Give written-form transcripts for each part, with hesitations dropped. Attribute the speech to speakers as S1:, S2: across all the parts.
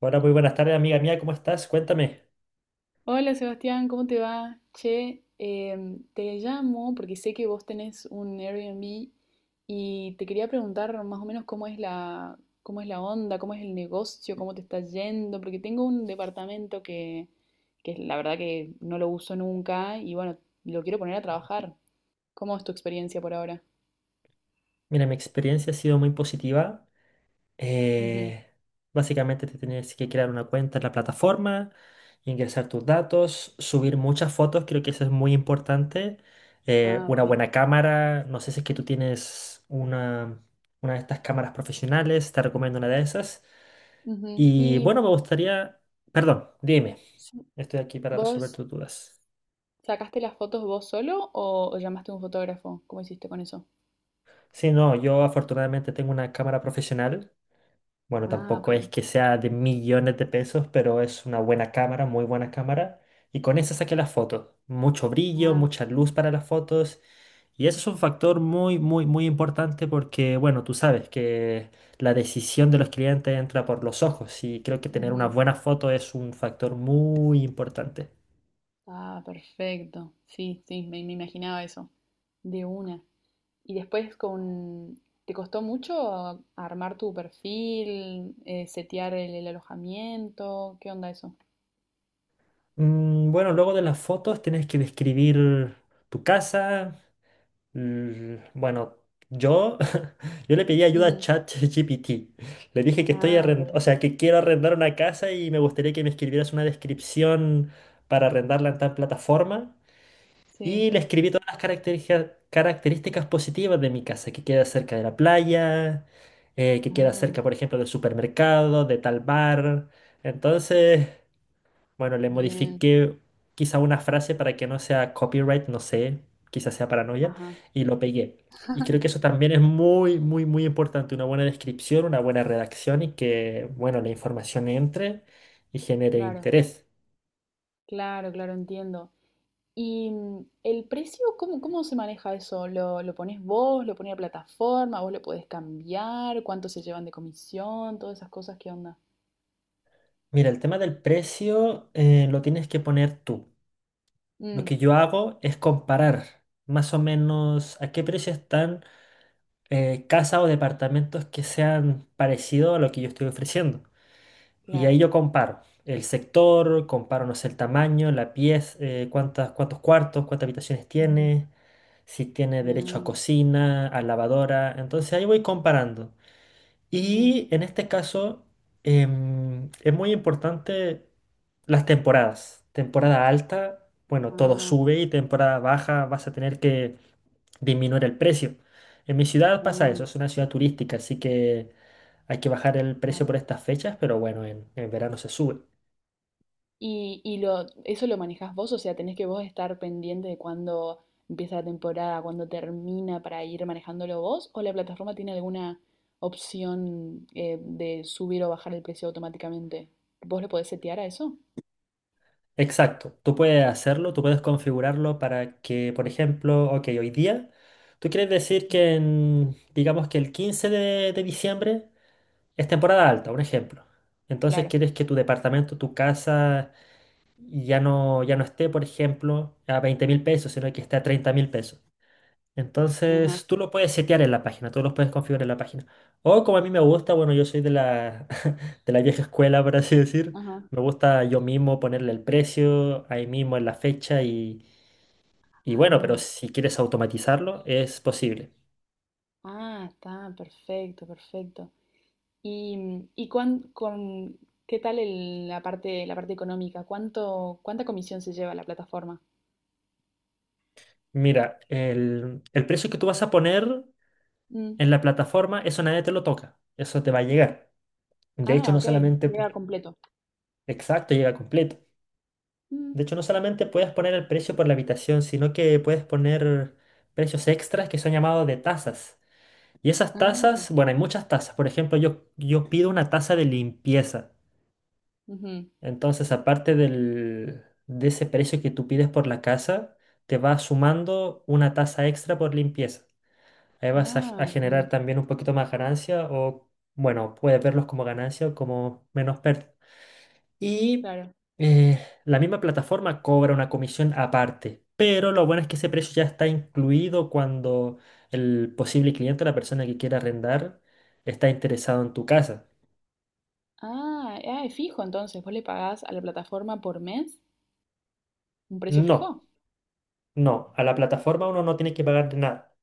S1: Hola, muy buenas tardes, amiga mía, ¿cómo estás? Cuéntame.
S2: Hola Sebastián, ¿cómo te va? Che, te llamo porque sé que vos tenés un Airbnb y te quería preguntar más o menos cómo es la onda, cómo es el negocio, cómo te está yendo, porque tengo un departamento que la verdad que no lo uso nunca y bueno, lo quiero poner a trabajar. ¿Cómo es tu experiencia por ahora?
S1: Mira, mi experiencia ha sido muy positiva.
S2: Ujú.
S1: Eh, Básicamente te tienes que crear una cuenta en la plataforma, ingresar tus datos, subir muchas fotos, creo que eso es muy importante.
S2: Ah, ok.
S1: Una buena cámara, no sé si es que tú tienes una de estas cámaras profesionales, te recomiendo una de esas.
S2: Ujú.
S1: Y
S2: ¿Y
S1: bueno, me gustaría, perdón, dime,
S2: sí,
S1: estoy aquí para resolver
S2: vos
S1: tus dudas.
S2: sacaste las fotos vos solo o llamaste a un fotógrafo? ¿Cómo hiciste con eso?
S1: Sí, no, yo afortunadamente tengo una cámara profesional. Bueno,
S2: Ah, ok.
S1: tampoco es que sea de millones de pesos, pero es una buena cámara, muy buena cámara. Y con esa saqué las fotos. Mucho brillo,
S2: Ah,
S1: mucha luz para las fotos. Y eso es un factor muy, muy, muy importante porque, bueno, tú sabes que la decisión de los clientes entra por los ojos y creo que tener una
S2: ujú.
S1: buena foto es un factor muy importante.
S2: Ah, perfecto. Sí, sí, me imaginaba eso. De una. Y después con... ¿Te costó mucho armar tu perfil, setear el alojamiento? ¿Qué onda eso?
S1: Bueno, luego de las fotos tienes que describir tu casa, bueno, yo, yo le pedí ayuda a
S2: Ujú.
S1: ChatGPT. Le dije que
S2: Ah, ok.
S1: o sea, que quiero arrendar una casa y me gustaría que me escribieras una descripción para arrendarla en tal plataforma.
S2: Sí.
S1: Y le escribí todas las características positivas de mi casa, que queda cerca de la playa, que queda
S2: Ah,
S1: cerca, por ejemplo, del supermercado, de tal bar. Entonces... bueno, le
S2: bien.
S1: modifiqué quizá una frase para que no sea copyright, no sé, quizás sea paranoia,
S2: Ajá.
S1: y lo pegué. Y creo que eso también es muy, muy, muy importante, una buena descripción, una buena redacción y que, bueno, la información entre y genere
S2: Claro,
S1: interés.
S2: claro, claro, entiendo. ¿Y el precio, cómo, cómo se maneja eso? ¿Lo pones vos? ¿Lo pone la plataforma? ¿Vos lo podés cambiar? ¿Cuánto se llevan de comisión? Todas esas cosas, ¿qué onda?
S1: Mira, el tema del precio lo tienes que poner tú. Lo
S2: Mm.
S1: que yo hago es comparar más o menos a qué precio están casas o departamentos que sean parecidos a lo que yo estoy ofreciendo. Y ahí
S2: Claro.
S1: yo comparo el sector, comparo, no sé, el tamaño, la pieza, cuántos cuartos, cuántas habitaciones
S2: Ujú.
S1: tiene, si tiene derecho a
S2: Ah,
S1: cocina, a lavadora. Entonces ahí voy comparando.
S2: ujú.
S1: Y en este caso es muy importante las temporadas. Temporada alta, bueno, todo
S2: Ah,
S1: sube y temporada baja vas a tener que disminuir el precio. En mi ciudad pasa
S2: ah,
S1: eso, es una ciudad turística, así que hay que bajar el precio por
S2: claro.
S1: estas fechas, pero bueno, en verano se sube.
S2: Eso lo manejás vos? O sea, tenés que vos estar pendiente de cuándo empieza la temporada, cuándo termina para ir manejándolo vos, o la plataforma tiene alguna opción de subir o bajar el precio automáticamente. ¿Vos lo podés setear a eso?
S1: Exacto, tú puedes hacerlo, tú puedes configurarlo para que, por ejemplo, ok, hoy día, tú quieres decir que en, digamos que el 15 de diciembre es temporada alta, un ejemplo. Entonces
S2: Claro.
S1: quieres que tu departamento, tu casa, ya no, ya no esté, por ejemplo, a 20 mil pesos, sino que esté a 30 mil pesos.
S2: Ajá.
S1: Entonces, tú lo puedes setear en la página, tú lo puedes configurar en la página. O como a mí me gusta, bueno, yo soy de la, de la vieja escuela, por así decir.
S2: Ajá.
S1: Me gusta yo mismo ponerle el precio, ahí mismo en la fecha y bueno, pero
S2: Ah,
S1: si quieres automatizarlo, es posible.
S2: ah, está, perfecto, perfecto. Y, mm, y cuán- con, ¿Qué tal la parte económica? ¿Cuánto, cuánta comisión se lleva la plataforma?
S1: Mira, el precio que tú vas a poner
S2: Mm.
S1: en la plataforma, eso nadie te lo toca, eso te va a llegar. De hecho,
S2: Ah,
S1: no
S2: ok,
S1: solamente
S2: llega completo.
S1: exacto, llega completo.
S2: Mm.
S1: De hecho, no solamente puedes poner el precio por la habitación, sino que puedes poner precios extras que son llamados de tasas. Y esas
S2: Ah,
S1: tasas, bueno, hay muchas tasas. Por ejemplo, yo pido una tasa de limpieza.
S2: ujú.
S1: Entonces, aparte de ese precio que tú pides por la casa, te va sumando una tasa extra por limpieza. Ahí vas
S2: Ah,
S1: a generar
S2: bien,
S1: también un poquito más ganancia o, bueno, puedes verlos como ganancia o como menos pérdida. Y
S2: claro.
S1: eh, la misma plataforma cobra una comisión aparte, pero lo bueno es que ese precio ya está incluido cuando el posible cliente, la persona que quiera arrendar, está interesado en tu casa.
S2: Ah, ah, es fijo entonces. Vos le pagás a la plataforma por mes un precio
S1: No,
S2: fijo.
S1: no, a la plataforma uno no tiene que pagar nada.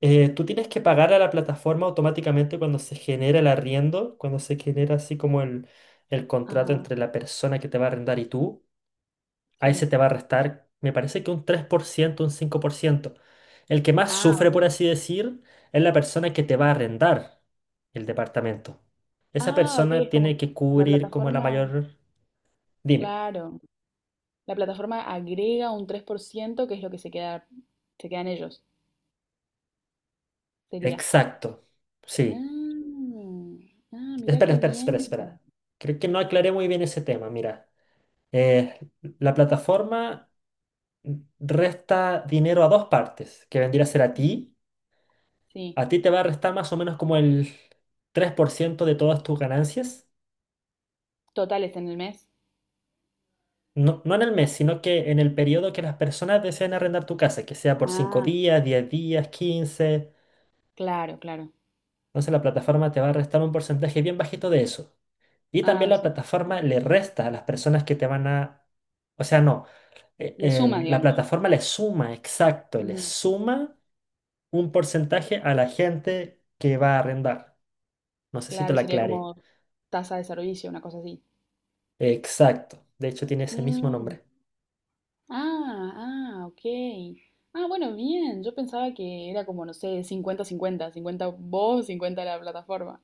S1: Tú tienes que pagar a la plataforma automáticamente cuando se genera el arriendo, cuando se genera así como el contrato
S2: Ajá,
S1: entre la persona que te va a arrendar y tú. Ahí se
S2: sí.
S1: te va a restar, me parece que un 3% un 5%. El que más
S2: Ah,
S1: sufre, por
S2: ok.
S1: así decir, es la persona que te va a arrendar el departamento. Esa
S2: Ah, ok,
S1: persona
S2: es como
S1: tiene
S2: que
S1: que
S2: la
S1: cubrir como la
S2: plataforma,
S1: mayor... Dime.
S2: claro, la plataforma agrega un 3% que es lo que se queda, se quedan ellos, sería.
S1: Exacto. Sí.
S2: Ah, ah, mirá
S1: Espera,
S2: qué
S1: espera, espera,
S2: bien.
S1: espera. Creo que no aclaré muy bien ese tema. Mira, eh, la plataforma resta dinero a dos partes, que vendría a ser a ti.
S2: Ujú. Sí,
S1: A ti te va a restar más o menos como el 3% de todas tus ganancias.
S2: totales en el mes.
S1: No, no en el mes, sino que en el periodo que las personas deseen arrendar tu casa, que sea por 5
S2: Ah,
S1: días, 10 días, 15.
S2: claro, claro.
S1: Entonces la plataforma te va a restar un porcentaje bien bajito de eso. Y
S2: Ah,
S1: también
S2: o
S1: la
S2: sea, sí,
S1: plataforma le resta a las personas que te van a... O sea, no.
S2: le suma,
S1: La
S2: digamos.
S1: plataforma le suma, exacto, le
S2: Ujú.
S1: suma un porcentaje a la gente que va a arrendar. No sé si te
S2: Claro,
S1: lo
S2: sería
S1: aclaré.
S2: como tasa de servicio, una cosa así.
S1: Exacto. De hecho, tiene ese mismo
S2: Mm,
S1: nombre.
S2: ah, ah, ok. Ah, bueno, bien. Yo pensaba que era como, no sé, 50-50, 50-50 vos, 50 la plataforma.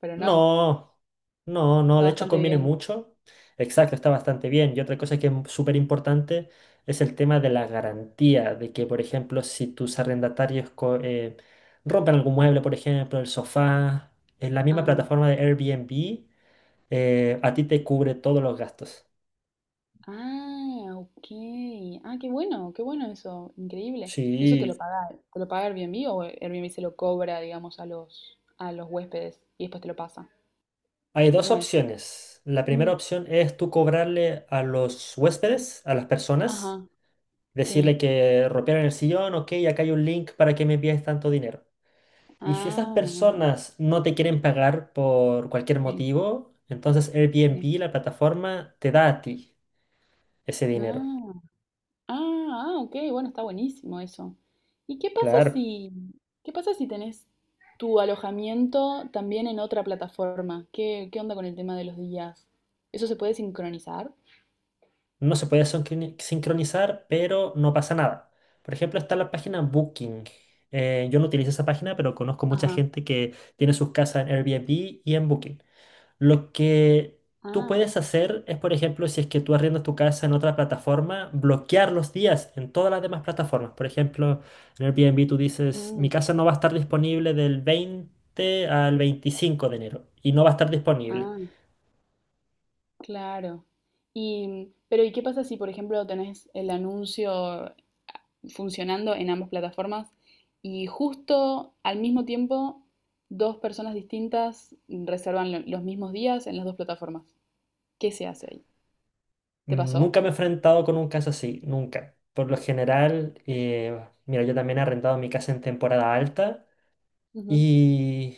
S2: Pero no,
S1: No, no, no,
S2: está
S1: de hecho
S2: bastante
S1: conviene
S2: bien.
S1: mucho. Exacto, está bastante bien. Y otra cosa que es súper importante es el tema de la garantía, de que, por ejemplo, si tus arrendatarios rompen algún mueble, por ejemplo, el sofá, en la misma
S2: Ajá.
S1: plataforma de Airbnb, a ti te cubre todos los gastos.
S2: Ah, ok. Ah, qué bueno eso, increíble. ¿Y eso te lo
S1: Sí,
S2: paga, te lo paga Airbnb o Airbnb se lo cobra, digamos, a los huéspedes y después te lo pasa?
S1: hay dos
S2: ¿Cómo es?
S1: opciones. La
S2: Mm,
S1: primera opción es tú cobrarle a los huéspedes, a las personas.
S2: ajá,
S1: Decirle
S2: sí.
S1: que rompieron el sillón, ok, acá hay un link para que me envíes tanto dinero. Y si esas
S2: Ah, ajá,
S1: personas no te quieren pagar por cualquier
S2: sí,
S1: motivo, entonces
S2: sí.
S1: Airbnb, la plataforma, te da a ti ese dinero.
S2: Ah, ah, ah, ok, bueno, está buenísimo eso. ¿Y qué pasa
S1: Claro,
S2: si, qué pasa si tenés tu alojamiento también en otra plataforma? ¿Qué onda con el tema de los días? ¿Eso se puede sincronizar?
S1: no se puede sincronizar, pero no pasa nada. Por ejemplo, está la página Booking. Yo no utilizo esa página, pero conozco mucha
S2: Ajá.
S1: gente que tiene sus casas en Airbnb y en Booking. Lo que tú
S2: Ah,
S1: puedes hacer es, por ejemplo, si es que tú arriendas tu casa en otra plataforma, bloquear los días en todas las demás plataformas. Por ejemplo, en Airbnb tú dices, mi
S2: mm,
S1: casa no va a estar disponible del 20 al 25 de enero y no va a estar disponible.
S2: ah, claro. Pero ¿y qué pasa si, por ejemplo, tenés el anuncio funcionando en ambas plataformas y justo al mismo tiempo dos personas distintas reservan los mismos días en las dos plataformas? ¿Qué se hace ahí? ¿Te pasó?
S1: Nunca me he enfrentado con un caso así, nunca. Por lo general, mira, yo también he arrendado mi casa en temporada alta
S2: Ujú.
S1: y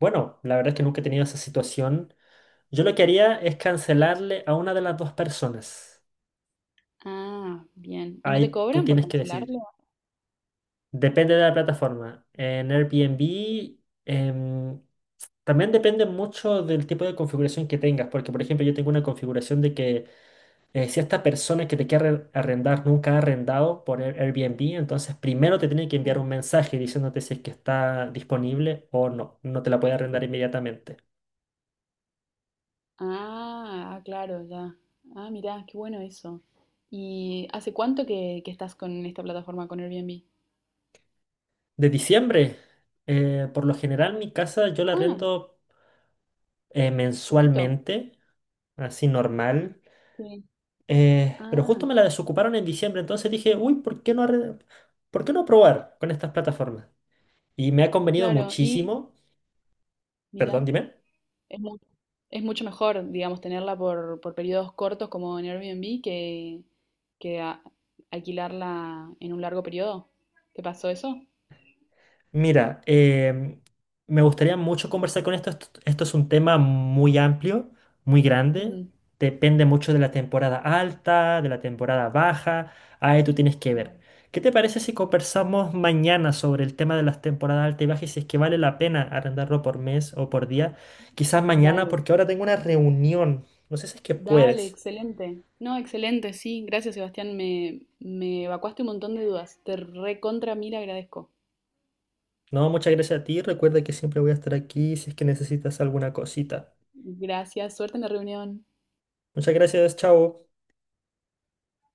S1: bueno, la verdad es que nunca he tenido esa situación. Yo lo que haría es cancelarle a una de las dos personas.
S2: Ah, bien. ¿Y no te
S1: Ahí tú
S2: cobran por
S1: tienes que decidir.
S2: cancelarlo?
S1: Depende de la plataforma. En
S2: Mm.
S1: Airbnb em, también depende mucho del tipo de configuración que tengas, porque por ejemplo yo tengo una configuración de que si esta persona que te quiere arrendar nunca ha arrendado por Airbnb, entonces primero te tiene que enviar
S2: Mm.
S1: un mensaje diciéndote si es que está disponible o no. No te la puede arrendar inmediatamente.
S2: Ah, ah, claro, ya. Ah, mirá, qué bueno eso. ¿Y hace cuánto que estás con esta plataforma, con Airbnb?
S1: De diciembre, por lo general mi casa yo la arrendo
S2: Poquito.
S1: mensualmente, así normal.
S2: Sí.
S1: Pero justo
S2: Ah,
S1: me la desocuparon en diciembre, entonces dije, uy, ¿por qué no, por qué no probar con estas plataformas? Y me ha convenido
S2: claro. Y
S1: muchísimo, perdón,
S2: mira,
S1: dime.
S2: es, mu- es mucho mejor, digamos, tenerla por periodos cortos como en Airbnb que a- alquilarla en un largo periodo. ¿Te pasó eso?
S1: Mira, me gustaría mucho conversar con esto. Esto es un tema muy amplio, muy grande.
S2: Ujú.
S1: Depende mucho de la temporada alta, de la temporada baja. Ahí tú tienes que ver.
S2: Claro.
S1: ¿Qué te parece si conversamos mañana sobre el tema de las temporadas alta y baja y si es que vale la pena arrendarlo por mes o por día? Quizás mañana,
S2: Dale,
S1: porque ahora tengo una reunión. No sé si es que
S2: dale,
S1: puedes.
S2: excelente. No, excelente, sí. Gracias, Sebastián. Me evacuaste un montón de dudas. Te recontra mil agradezco.
S1: No, muchas gracias a ti. Recuerda que siempre voy a estar aquí si es que necesitas alguna cosita.
S2: Gracias. Suerte en la reunión.
S1: Muchas gracias, chao.